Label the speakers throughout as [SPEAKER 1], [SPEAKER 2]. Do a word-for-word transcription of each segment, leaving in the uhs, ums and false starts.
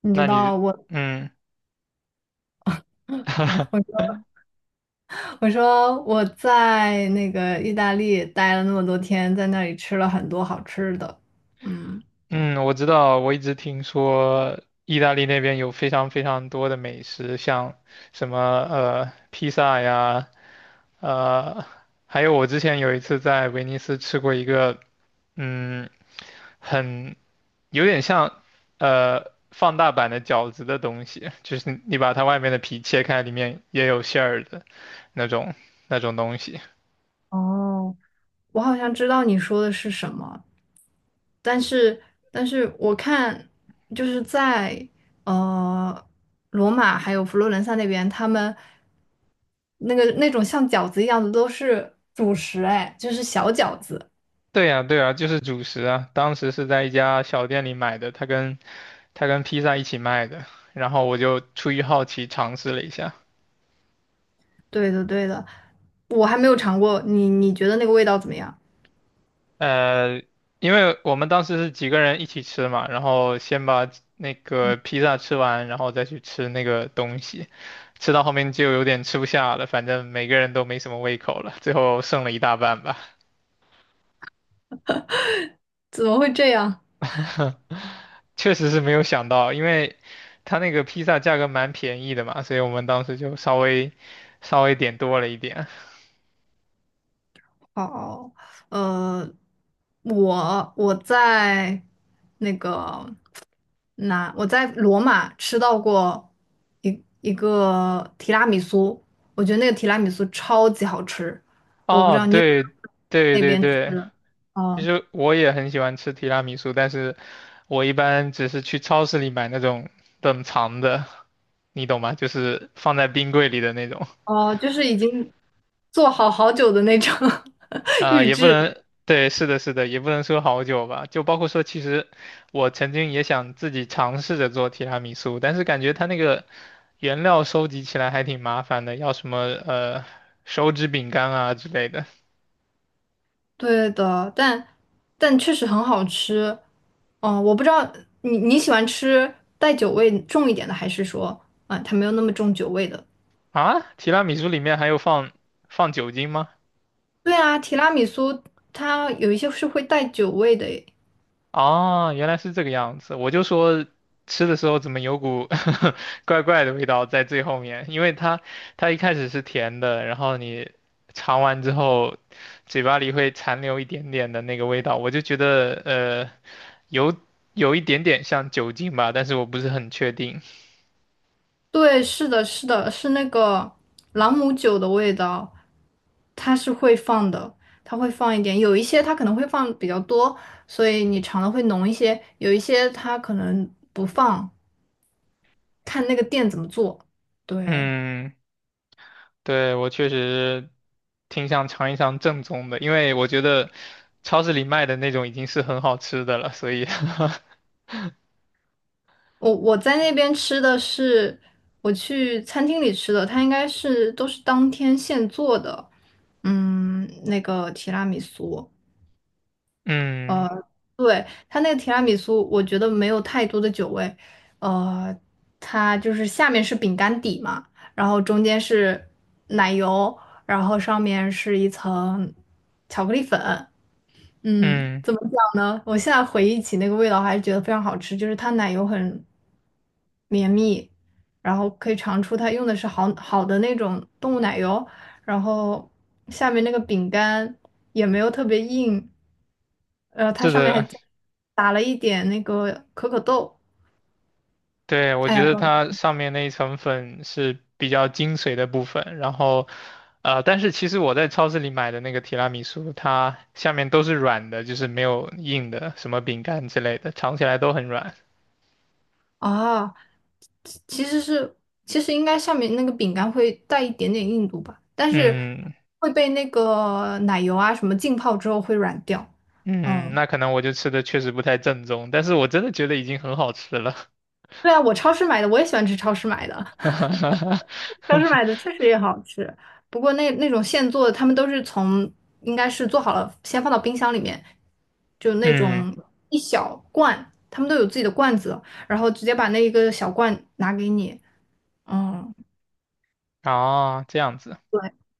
[SPEAKER 1] 你知
[SPEAKER 2] 那你，
[SPEAKER 1] 道我，
[SPEAKER 2] 嗯
[SPEAKER 1] 我说我说我在那个意大利待了那么多天，在那里吃了很多好吃的。嗯，
[SPEAKER 2] 嗯，我知道，我一直听说意大利那边有非常非常多的美食，像什么呃披萨呀，呃，还有我之前有一次在威尼斯吃过一个，嗯，很有点像呃放大版的饺子的东西，就是你把它外面的皮切开，里面也有馅儿的那种那种东西。
[SPEAKER 1] 哦，我好像知道你说的是什么，但是但是我看就是在呃罗马还有佛罗伦萨那边，他们那个那种像饺子一样的都是主食，哎，就是小饺子。
[SPEAKER 2] 对呀，对呀，就是主食啊。当时是在一家小店里买的，它跟它跟披萨一起卖的。然后我就出于好奇尝试了一下，
[SPEAKER 1] 对的对的，我还没有尝过，你你觉得那个味道怎么样？
[SPEAKER 2] 呃，因为我们当时是几个人一起吃嘛，然后先把那个披萨吃完，然后再去吃那个东西，吃到后面就有点吃不下了，反正每个人都没什么胃口了，最后剩了一大半吧。
[SPEAKER 1] 怎么会这样？
[SPEAKER 2] 确实是没有想到，因为他那个披萨价格蛮便宜的嘛，所以我们当时就稍微稍微点多了一点。
[SPEAKER 1] 哦，呃，我我在那个哪，我在罗马吃到过一一个提拉米苏，我觉得那个提拉米苏超级好吃，我不知
[SPEAKER 2] 哦，
[SPEAKER 1] 道你有没
[SPEAKER 2] 对
[SPEAKER 1] 有
[SPEAKER 2] 对
[SPEAKER 1] 那
[SPEAKER 2] 对
[SPEAKER 1] 边吃
[SPEAKER 2] 对，
[SPEAKER 1] 的？
[SPEAKER 2] 其
[SPEAKER 1] 哦
[SPEAKER 2] 实我也很喜欢吃提拉米苏，但是我一般只是去超市里买那种冷藏的，你懂吗？就是放在冰柜里的那种。
[SPEAKER 1] 哦，就是已经做好好久的那种
[SPEAKER 2] 啊、
[SPEAKER 1] 预
[SPEAKER 2] 也不
[SPEAKER 1] 制，
[SPEAKER 2] 能，对，是的，是的，也不能说好久吧。就包括说，其实我曾经也想自己尝试着做提拉米苏，但是感觉它那个原料收集起来还挺麻烦的，要什么呃手指饼干啊之类的。
[SPEAKER 1] 对的，但但确实很好吃。哦，我不知道你你喜欢吃带酒味重一点的，还是说啊，它没有那么重酒味的？
[SPEAKER 2] 啊，提拉米苏里面还有放放酒精吗？
[SPEAKER 1] 对啊，提拉米苏它有一些是会带酒味的诶。
[SPEAKER 2] 哦，原来是这个样子。我就说吃的时候怎么有股 怪怪的味道在最后面，因为它它一开始是甜的，然后你尝完之后，嘴巴里会残留一点点的那个味道，我就觉得呃有有一点点像酒精吧，但是我不是很确定。
[SPEAKER 1] 对，是的，是的，是那个朗姆酒的味道，它是会放的，它会放一点。有一些它可能会放比较多，所以你尝的会浓一些；有一些它可能不放，看那个店怎么做。对。
[SPEAKER 2] 嗯，对，我确实挺想尝一尝正宗的，因为我觉得超市里卖的那种已经是很好吃的了，所以
[SPEAKER 1] 我我在那边吃的是我去餐厅里吃的，它应该是都是当天现做的，嗯，那个提拉米苏，
[SPEAKER 2] 嗯
[SPEAKER 1] 呃，对，它那个提拉米苏，我觉得没有太多的酒味，呃，它就是下面是饼干底嘛，然后中间是奶油，然后上面是一层巧克力粉，嗯，
[SPEAKER 2] 嗯。
[SPEAKER 1] 怎么讲呢？我现在回忆起那个味道，还是觉得非常好吃，就是它奶油很绵密，然后可以尝出它用的是好好的那种动物奶油，然后下面那个饼干也没有特别硬，呃，它
[SPEAKER 2] 是
[SPEAKER 1] 上面还
[SPEAKER 2] 的，
[SPEAKER 1] 加打了一点那个可可豆，
[SPEAKER 2] 对，我
[SPEAKER 1] 哎呀，
[SPEAKER 2] 觉得它上面那一层粉是比较精髓的部分，然后，呃，但是其实我在超市里买的那个提拉米苏，它下面都是软的，就是没有硬的，什么饼干之类的，尝起来都很软。
[SPEAKER 1] 啊，其其实是其实应该上面那个饼干会带一点点硬度吧，但是
[SPEAKER 2] 嗯
[SPEAKER 1] 会被那个奶油啊什么浸泡之后会软掉，
[SPEAKER 2] 嗯，
[SPEAKER 1] 嗯。
[SPEAKER 2] 那可能我就吃的确实不太正宗，但是我真的觉得已经很好吃了。
[SPEAKER 1] 对啊，我超市买的，我也喜欢吃超市买的。超市 买的确实也好吃，不过那那种现做的，他们都是从应该是做好了，先放到冰箱里面，就那
[SPEAKER 2] 嗯，
[SPEAKER 1] 种一小罐，他们都有自己的罐子，然后直接把那一个小罐拿给你。嗯，
[SPEAKER 2] 哦，这样子，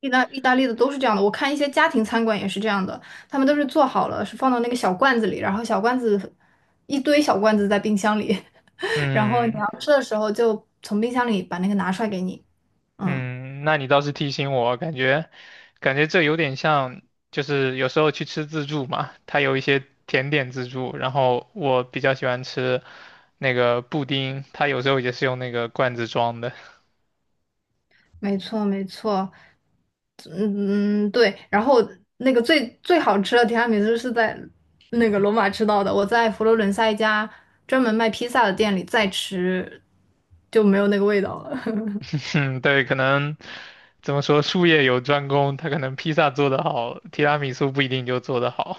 [SPEAKER 1] 意大意大利的都是这样的，我看一些家庭餐馆也是这样的，他们都是做好了，是放到那个小罐子里，然后小罐子一堆小罐子在冰箱里，然后你
[SPEAKER 2] 嗯。
[SPEAKER 1] 要吃的时候就从冰箱里把那个拿出来给你。嗯。
[SPEAKER 2] 嗯，那你倒是提醒我，感觉感觉这有点像，就是有时候去吃自助嘛，它有一些甜点自助，然后我比较喜欢吃那个布丁，它有时候也是用那个罐子装的。
[SPEAKER 1] 没错，没错，嗯，嗯对。然后那个最最好吃的提拉米苏是在那个罗马吃到的，我在佛罗伦萨一家专门卖披萨的店里再吃，就没有那个味道了。
[SPEAKER 2] 嗯，对，可能怎么说，术业有专攻，他可能披萨做得好，提拉米苏不一定就做得好。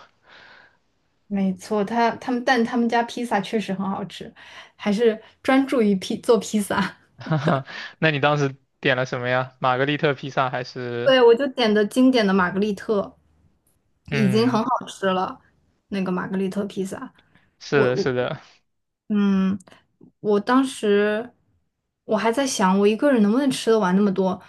[SPEAKER 1] 没错，他他们但他们家披萨确实很好吃，还是专注于披做披萨。
[SPEAKER 2] 哈哈，那你当时点了什么呀？玛格丽特披萨还 是？
[SPEAKER 1] 对，我就点的经典的玛格丽特，已经
[SPEAKER 2] 嗯，
[SPEAKER 1] 很好吃了，那个玛格丽特披萨。
[SPEAKER 2] 是
[SPEAKER 1] 我
[SPEAKER 2] 的，
[SPEAKER 1] 我
[SPEAKER 2] 是的。
[SPEAKER 1] 嗯，我当时我还在想，我一个人能不能吃得完那么多，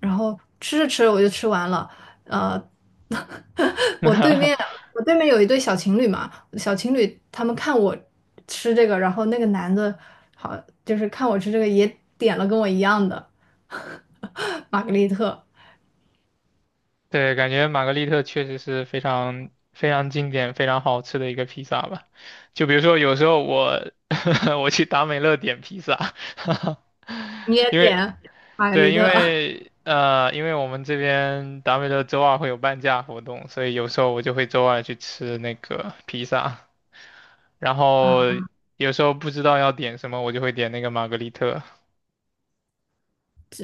[SPEAKER 1] 然后吃着吃着我就吃完了。呃，我对面 我对面有一对小情侣嘛，小情侣他们看我吃这个，然后那个男的好就是看我吃这个也点了跟我一样的 玛格丽特，
[SPEAKER 2] 对，感觉玛格丽特确实是非常非常经典、非常好吃的一个披萨吧。就比如说，有时候我 我去达美乐点披萨，
[SPEAKER 1] 你 也
[SPEAKER 2] 因为
[SPEAKER 1] 点玛格丽
[SPEAKER 2] 对，因
[SPEAKER 1] 特。
[SPEAKER 2] 为呃，因为我们这边达美乐周二会有半价活动，所以有时候我就会周二去吃那个披萨，然后
[SPEAKER 1] 啊？
[SPEAKER 2] 有时候不知道要点什么，我就会点那个玛格丽特。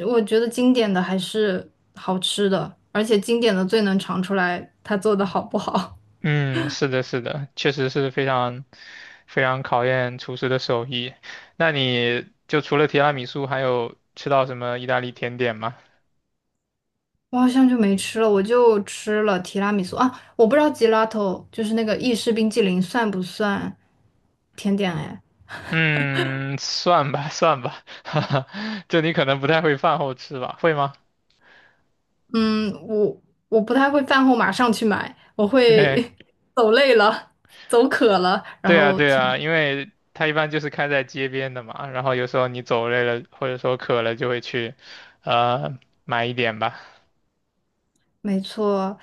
[SPEAKER 1] 我觉得经典的还是好吃的，而且经典的最能尝出来它做的好不好。
[SPEAKER 2] 嗯，是的，是的，确实是非常非常考验厨师的手艺。那你就除了提拉米苏，还有吃到什么意大利甜点吗？
[SPEAKER 1] 我好像就没吃了，我就吃了提拉米苏啊，我不知道吉拉头就是那个意式冰激凌算不算甜点哎？
[SPEAKER 2] 嗯，算吧，算吧，哈哈，就你可能不太会饭后吃吧，会吗？
[SPEAKER 1] 嗯，我我不太会饭后马上去买，我会
[SPEAKER 2] 对，
[SPEAKER 1] 走累了、走渴了，然
[SPEAKER 2] 对啊，
[SPEAKER 1] 后
[SPEAKER 2] 对
[SPEAKER 1] 去买。
[SPEAKER 2] 啊，因为它一般就是开在街边的嘛，然后有时候你走累了或者说渴了，就会去，呃，买一点吧。
[SPEAKER 1] 没错，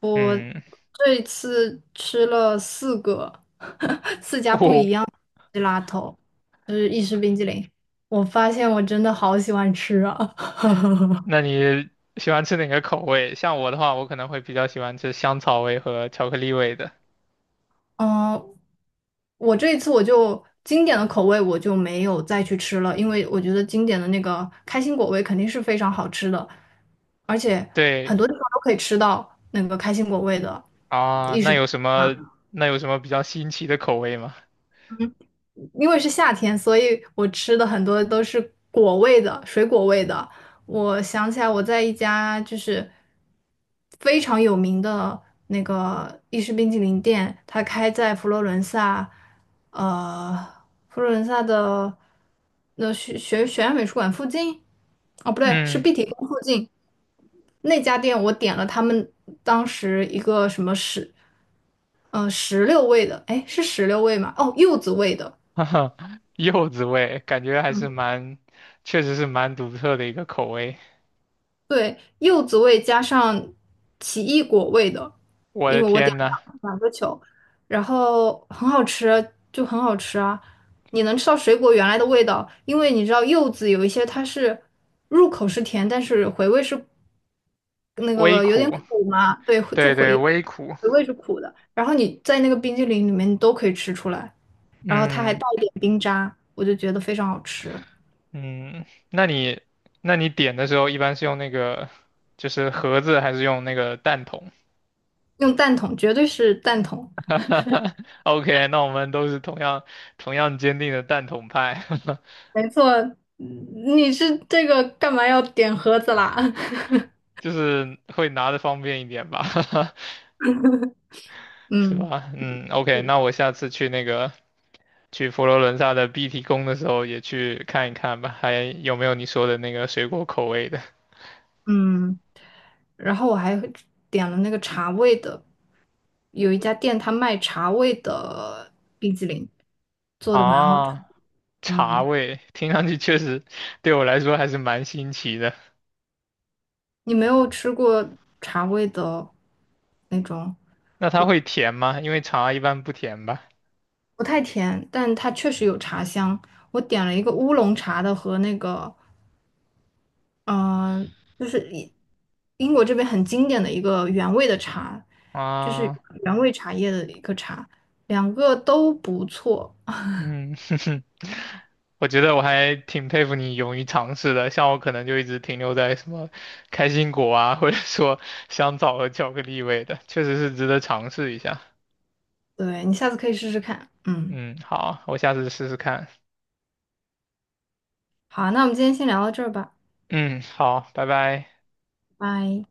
[SPEAKER 1] 我
[SPEAKER 2] 嗯，
[SPEAKER 1] 这一次吃了四个，四家 不。
[SPEAKER 2] 哦
[SPEAKER 1] g 拉头 a 就是意式冰激凌。我发现我真的好喜欢吃啊！
[SPEAKER 2] 那你喜欢吃哪个口味？像我的话，我可能会比较喜欢吃香草味和巧克力味的。
[SPEAKER 1] 嗯，我这一次我就经典的口味我就没有再去吃了，因为我觉得经典的那个开心果味肯定是非常好吃的，而且
[SPEAKER 2] 对
[SPEAKER 1] 很多地方都可以吃到那个开心果味的。
[SPEAKER 2] 啊，那有什么那有什么比较新奇的口味吗？
[SPEAKER 1] 因为是夏天，所以我吃的很多都是果味的，水果味的。我想起来，我在一家就是非常有名的那个意式冰淇淋店，它开在佛罗伦萨，呃，佛罗伦萨的那学学学院美术馆附近，哦，不对，是
[SPEAKER 2] 嗯，
[SPEAKER 1] 碧提宫附近那家店，我点了他们当时一个什么石，呃，石榴味的，哎，是石榴味吗？哦，柚子味的。
[SPEAKER 2] 哈哈，柚子味，感觉还是蛮，确实是蛮独特的一个口味。
[SPEAKER 1] 对，柚子味加上奇异果味的，
[SPEAKER 2] 我
[SPEAKER 1] 因
[SPEAKER 2] 的
[SPEAKER 1] 为我点
[SPEAKER 2] 天呐，
[SPEAKER 1] 了两个球，然后很好吃，就很好吃啊！你能吃到水果原来的味道，因为你知道柚子有一些它是入口是甜，但是回味是那
[SPEAKER 2] 微
[SPEAKER 1] 个有点
[SPEAKER 2] 苦，
[SPEAKER 1] 苦嘛，对，就
[SPEAKER 2] 对对，
[SPEAKER 1] 回
[SPEAKER 2] 微苦。
[SPEAKER 1] 回味是苦的。然后你在那个冰激凌里面你都可以吃出来，然后它还带
[SPEAKER 2] 嗯
[SPEAKER 1] 一点冰渣，我就觉得非常好吃。
[SPEAKER 2] 嗯，那你那你点的时候一般是用那个就是盒子还是用那个蛋筒？
[SPEAKER 1] 用蛋筒，绝对是蛋筒。
[SPEAKER 2] OK,那我们都是同样同样坚定的蛋筒派，
[SPEAKER 1] 没错，嗯，你是这个干嘛要点盒子啦？
[SPEAKER 2] 就是会拿的方便一点吧，是
[SPEAKER 1] 嗯
[SPEAKER 2] 吧？嗯，OK,那我下次去那个去佛罗伦萨的碧提宫的时候也去看一看吧，还有没有你说的那个水果口味的
[SPEAKER 1] 嗯，然后我还点了那个茶味的，有一家店它卖茶味的冰激凌，做的蛮好吃。
[SPEAKER 2] 啊？茶
[SPEAKER 1] 嗯，
[SPEAKER 2] 味，听上去确实对我来说还是蛮新奇的。
[SPEAKER 1] 你没有吃过茶味的那种，
[SPEAKER 2] 那它会甜吗？因为茶一般不甜吧？
[SPEAKER 1] 不太甜，但它确实有茶香。我点了一个乌龙茶的和那个嗯、呃就是英英国这边很经典的一个原味的茶，就是
[SPEAKER 2] 啊。
[SPEAKER 1] 原味茶叶的一个茶，两个都不错。
[SPEAKER 2] 嗯，哼哼，我觉得我还挺佩服你勇于尝试的，像我可能就一直停留在什么开心果啊，或者说香草和巧克力味的，确实是值得尝试一下。
[SPEAKER 1] 对，你下次可以试试看。嗯，
[SPEAKER 2] 嗯，好，我下次试试看。
[SPEAKER 1] 好，那我们今天先聊到这儿吧，
[SPEAKER 2] 嗯，好，拜拜。
[SPEAKER 1] 拜。